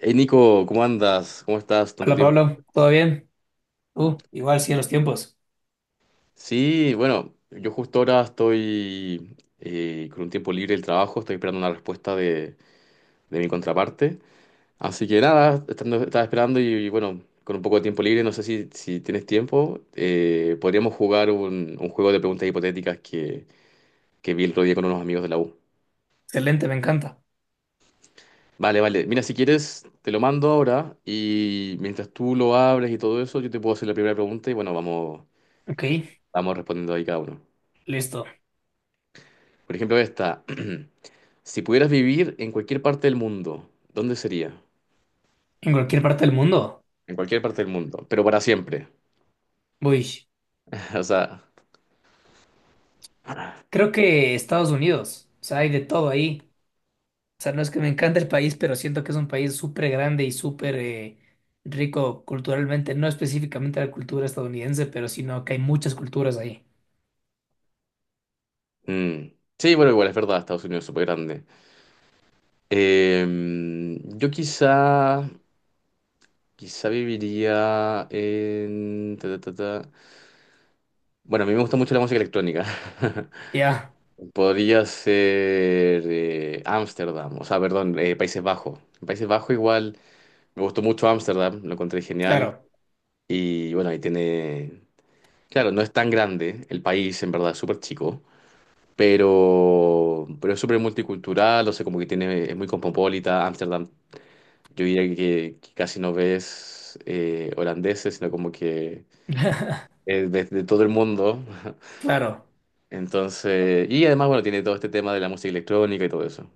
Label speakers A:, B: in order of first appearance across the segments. A: Hey Nico, ¿cómo andas? ¿Cómo estás? Tanto
B: Hola
A: tiempo.
B: Pablo, ¿todo bien? Igual sí en los tiempos.
A: Sí, bueno, yo justo ahora estoy con un tiempo libre del trabajo, estoy esperando una respuesta de mi contraparte. Así que nada, estaba esperando y bueno, con un poco de tiempo libre, no sé si tienes tiempo, podríamos jugar un juego de preguntas hipotéticas que vi el otro día con unos amigos de la U.
B: Excelente, me encanta.
A: Vale, vale. Mira, si quieres, te lo mando ahora y mientras tú lo abres y todo eso, yo te puedo hacer la primera pregunta y bueno, vamos,
B: Ok,
A: vamos respondiendo ahí cada uno.
B: listo.
A: Por ejemplo, esta. Si pudieras vivir en cualquier parte del mundo, ¿dónde sería?
B: En cualquier parte del mundo.
A: En cualquier parte del mundo, pero para siempre.
B: Uy,
A: O sea,
B: creo que Estados Unidos. O sea, hay de todo ahí. O sea, no es que me encante el país, pero siento que es un país súper grande y súper rico culturalmente. No específicamente la cultura estadounidense, pero sino que hay muchas culturas ahí.
A: mm. Sí, bueno, igual es verdad, Estados Unidos es súper grande. Yo quizá viviría en ta, ta, ta, ta. Bueno, a mí me gusta mucho la música electrónica.
B: Ya,
A: Podría ser Ámsterdam, o sea, perdón, Países Bajos. En Países Bajos igual, me gustó mucho Ámsterdam, lo encontré genial.
B: claro,
A: Y bueno, ahí tiene. Claro, no es tan grande el país, en verdad, es súper chico, pero es súper multicultural, o sea, como que tiene, es muy cosmopolita. Ámsterdam, yo diría que casi no ves holandeses, sino como que es de todo el mundo.
B: claro.
A: Entonces, y además, bueno, tiene todo este tema de la música electrónica y todo eso.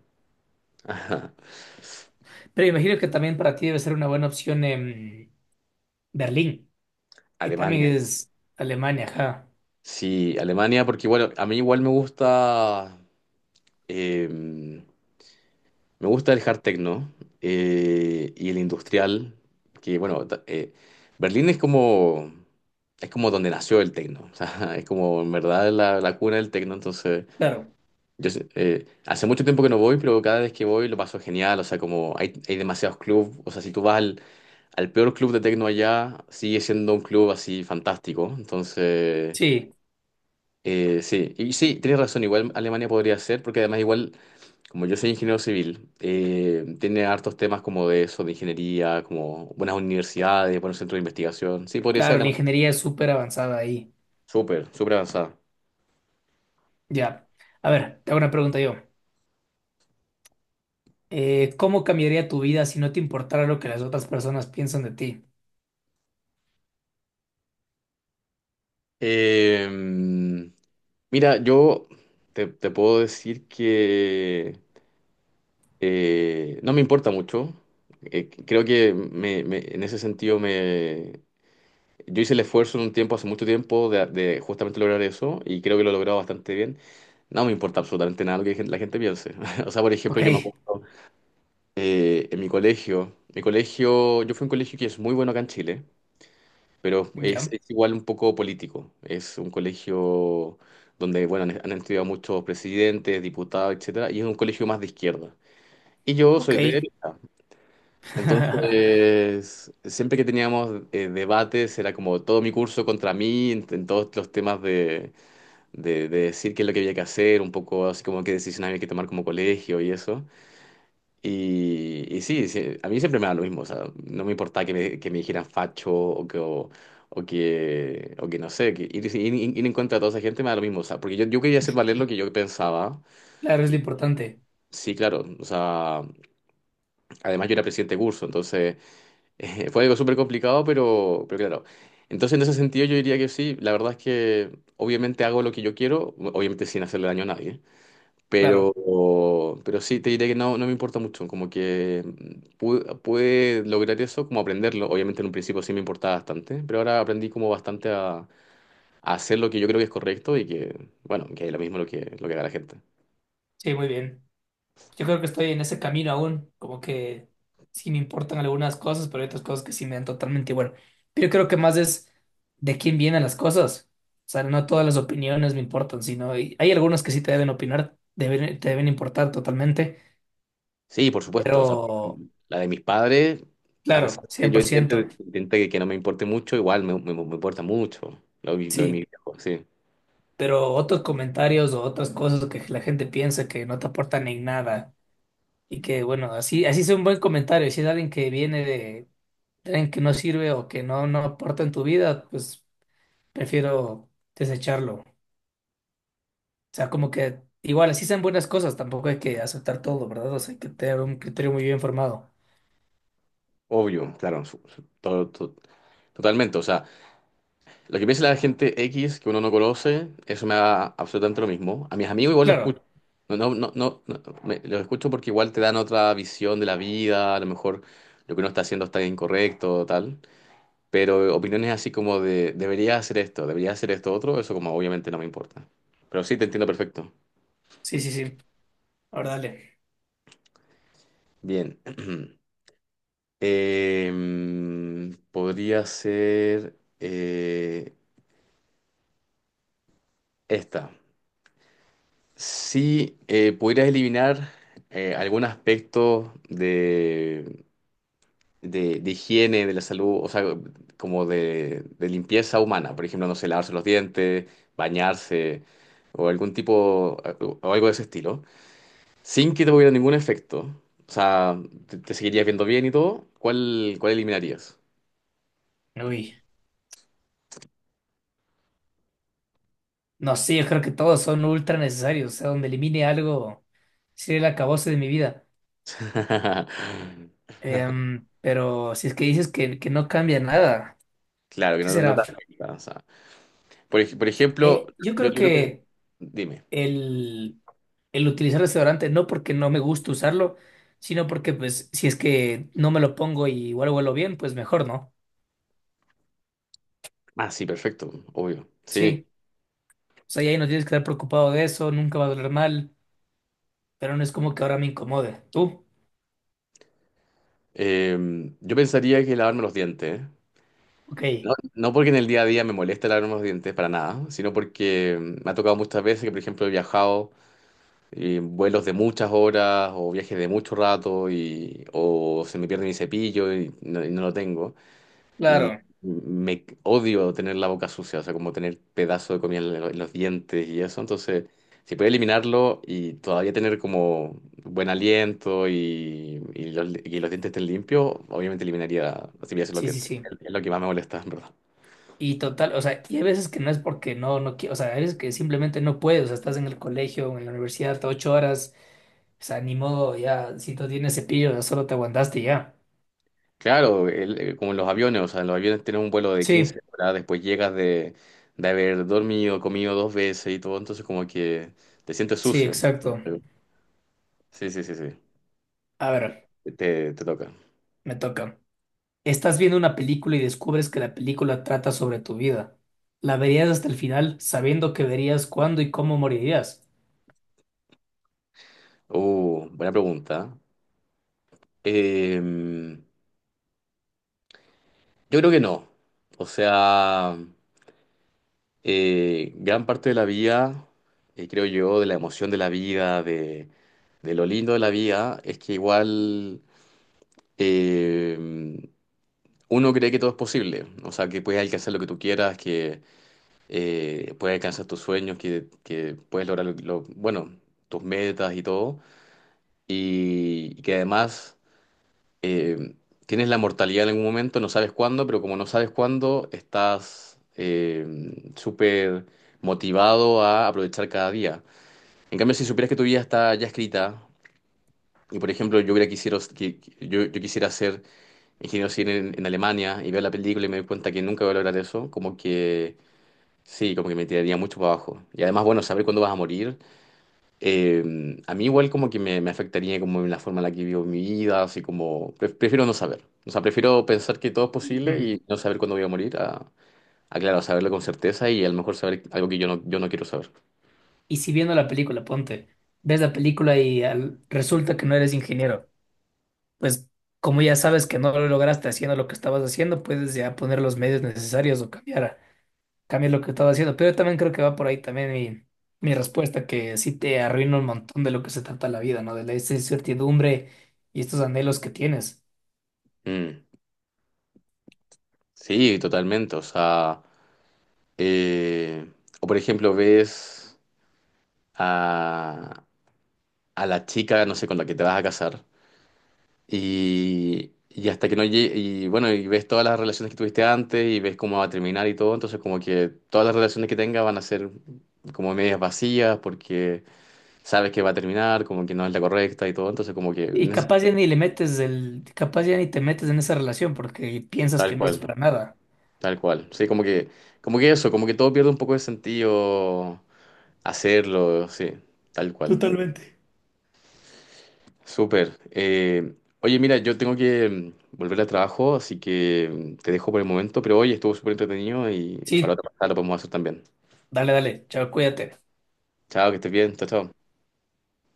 A: Ajá.
B: Pero imagino que también para ti debe ser una buena opción en Berlín. Ahí
A: Alemania,
B: también es Alemania, ajá.
A: sí, Alemania, porque bueno, a mí igual me gusta. em, Me gusta el hard techno y el industrial, que bueno, Berlín es como, donde nació el techno, o sea, es como en verdad la cuna del techno, entonces
B: Claro.
A: hace mucho tiempo que no voy, pero cada vez que voy lo paso genial, o sea, como hay, demasiados clubes, o sea, si tú vas al peor club de techno allá, sigue siendo un club así fantástico, entonces.
B: Sí,
A: Sí y sí, tienes razón, igual Alemania podría ser, porque además igual como yo soy ingeniero civil, tiene hartos temas como de eso, de ingeniería, como buenas universidades, buenos centros de investigación. Sí, podría
B: claro,
A: ser la.
B: la ingeniería es súper avanzada ahí.
A: Súper, súper avanzada.
B: Ya. A ver, te hago una pregunta yo. ¿Cómo cambiaría tu vida si no te importara lo que las otras personas piensan de ti?
A: Eh, mira, yo te puedo decir que no me importa mucho. Creo que en ese sentido me. Yo hice el esfuerzo en un tiempo, hace mucho tiempo, de justamente lograr eso y creo que lo he logrado bastante bien. No me importa absolutamente nada lo que la gente piense. O sea, por ejemplo,
B: Ok,
A: yo me acuerdo. En mi colegio, yo fui a un colegio que es muy bueno acá en Chile, pero es,
B: ya.
A: es igual un poco político. Es un colegio donde, bueno, han estudiado muchos presidentes, diputados, etcétera, y es un colegio más de izquierda. Y yo
B: Ok.
A: soy de derecha. Entonces, siempre que teníamos debates, era como todo mi curso contra mí, en todos los temas de decir qué es lo que había que hacer, un poco así como qué decisiones había que tomar como colegio y eso. Y sí, sí, a mí siempre me da lo mismo, o sea, no me importaba que me, dijeran facho o que no sé, que ir en contra de toda esa gente me da lo mismo, o sea, porque yo quería hacer valer lo que yo pensaba.
B: Claro, es lo
A: Y
B: importante.
A: sí, claro, o sea, además yo era presidente de curso, entonces fue algo súper complicado, pero claro. Entonces en ese sentido yo diría que sí, la verdad es que obviamente hago lo que yo quiero, obviamente sin hacerle daño a nadie. Pero,
B: Claro.
A: pero sí, te diré que no me importa mucho, como que pude, lograr eso, como aprenderlo. Obviamente en un principio sí me importaba bastante, pero ahora aprendí como bastante a hacer lo que yo creo que es correcto y que, bueno, que es lo mismo lo que, haga la gente.
B: Sí, muy bien. Yo creo que estoy en ese camino aún, como que sí me importan algunas cosas, pero hay otras cosas que sí me dan totalmente igual. Pero yo creo que más es de quién vienen las cosas. O sea, no todas las opiniones me importan, sino y hay algunos que sí te deben opinar, te deben importar totalmente,
A: Sí, por supuesto, o sea,
B: pero
A: la de mis padres, a pesar
B: claro,
A: de que
B: cien
A: yo
B: por
A: intente,
B: ciento
A: intente que no me importe mucho, igual me importa mucho lo de mis
B: sí.
A: viejos, sí.
B: Pero otros comentarios o otras cosas que la gente piensa que no te aportan en nada y que, bueno, así, así es un buen comentario, si es alguien que viene de tren que no sirve o que no, no aporta en tu vida, pues prefiero desecharlo. O sea, como que igual, así sean buenas cosas, tampoco hay que aceptar todo, ¿verdad? O sea, hay que tener un criterio muy bien formado.
A: Obvio, claro, todo, totalmente, o sea. Lo que piensa la gente X que uno no conoce, eso me da absolutamente lo mismo. A mis amigos igual los
B: Claro,
A: escucho. No, no, no, no, no, los escucho porque igual te dan otra visión de la vida, a lo mejor lo que uno está haciendo está incorrecto, tal. Pero opiniones así como de debería hacer esto otro, eso como obviamente no me importa. Pero sí, te entiendo perfecto.
B: sí, sí, sí. Ahora dale.
A: Bien. Podría ser esta. Si pudieras eliminar algún aspecto de higiene, de la salud, o sea, como de limpieza humana, por ejemplo, no sé, lavarse los dientes, bañarse, o algún tipo, o algo de ese estilo, sin que te hubiera ningún efecto, o sea, te, seguirías viendo bien y todo, ¿cuál eliminarías?
B: Uy, no, sí, yo creo que todos son ultra necesarios. O sea, donde elimine algo, sería el acabose de mi vida. Pero si es que dices que, no cambia nada,
A: Claro, que
B: ¿qué
A: no
B: será?
A: te afecta, o sea, por ejemplo,
B: Yo
A: yo,
B: creo
A: yo lo que.
B: que
A: Dime.
B: el, el utilizar desodorante, no porque no me gusta usarlo, sino porque pues si es que no me lo pongo y igual huelo bien, pues mejor, ¿no?
A: Ah, sí, perfecto, obvio, sí.
B: Sí, o sea, y ahí no tienes que estar preocupado de eso, nunca va a doler mal, pero no es como que ahora me incomode. ¿Tú?
A: Yo pensaría que lavarme los dientes.
B: Ok,
A: No, no porque en el día a día me moleste lavarme los dientes para nada, sino porque me ha tocado muchas veces que, por ejemplo, he viajado en vuelos de muchas horas o viajes de mucho rato y, o se me pierde mi cepillo y y no lo tengo. Y
B: claro,
A: me odio tener la boca sucia, o sea, como tener pedazo de comida en los dientes y eso. Entonces, si puedo eliminarlo y todavía tener como buen aliento y los dientes estén limpios, obviamente eliminaría, si me hacen los
B: sí, sí,
A: dientes.
B: sí.
A: Es lo que más me molesta, en verdad.
B: Y total, o sea, y hay veces que no es porque no, no quiero, o sea, hay veces que simplemente no puedes, o sea, estás en el colegio, en la universidad, 8 horas, o sea, ni modo, ya, si no tienes cepillo, ya solo te aguantaste y ya.
A: Claro, como en los aviones, o sea, en los aviones tienes un vuelo de 15
B: Sí,
A: horas, después llegas de haber dormido, comido dos veces y todo, entonces como que te sientes
B: sí,
A: sucio.
B: exacto.
A: Sí, sí, sí, sí.
B: A ver.
A: Te toca.
B: Me toca. Estás viendo una película y descubres que la película trata sobre tu vida. La verías hasta el final, sabiendo que verías cuándo y cómo morirías.
A: Buena pregunta. Em, yo creo que no. O sea, gran parte de la vida, creo yo, de la emoción de la vida, de lo lindo de la vida, es que igual em, uno cree que todo es posible. O sea, que puedes alcanzar lo que tú quieras, que puedes alcanzar tus sueños, que puedes lograr, bueno, tus metas y todo. y y que además. Eh, tienes la mortalidad en algún momento, no sabes cuándo, pero como no sabes cuándo, estás súper motivado a aprovechar cada día. En cambio, si supieras que tu vida está ya escrita, y por ejemplo, yo hubiera quisiera, que- yo quisiera ser ingeniero civil en Alemania y ver la película y me doy cuenta que nunca voy a lograr eso, como que sí, como que me tiraría mucho para abajo. Y además, bueno, saber cuándo vas a morir eh, a mí igual como que me, afectaría como en la forma en la que vivo mi vida, así como prefiero no saber. O sea, prefiero pensar que todo es posible
B: Mm.
A: y no saber cuándo voy a morir, a, claro, saberlo con certeza y a lo mejor saber algo que yo no quiero saber.
B: Y si viendo la película, ponte, ves la película y resulta que no eres ingeniero, pues como ya sabes que no lo lograste haciendo lo que estabas haciendo, puedes ya poner los medios necesarios o cambiar, cambiar lo que estabas haciendo. Pero yo también creo que va por ahí también mi respuesta, que sí te arruina un montón de lo que se trata la vida, ¿no? De la esa incertidumbre y estos anhelos que tienes.
A: Mm, sí, totalmente. O sea, eh, o por ejemplo ves a, a la chica, no sé, con la que te vas a casar. Y hasta que no llegue, y bueno, y ves todas las relaciones que tuviste antes y ves cómo va a terminar y todo, entonces como que todas las relaciones que tengas van a ser como medias vacías porque sabes que va a terminar, como que no es la correcta y todo, entonces como que
B: Y capaz ya ni le metes el, capaz ya ni te metes en esa relación porque piensas
A: tal
B: que no es
A: cual,
B: para nada.
A: tal cual. Sí, como que eso, como que todo pierde un poco de sentido hacerlo, sí, tal cual.
B: Totalmente.
A: Súper. Oye, mira, yo tengo que volver al trabajo, así que te dejo por el momento, pero hoy estuvo súper entretenido y para
B: Sí,
A: otra pasada lo podemos hacer también.
B: dale, dale, chao, cuídate.
A: Chao, que estés bien. Chao, chao.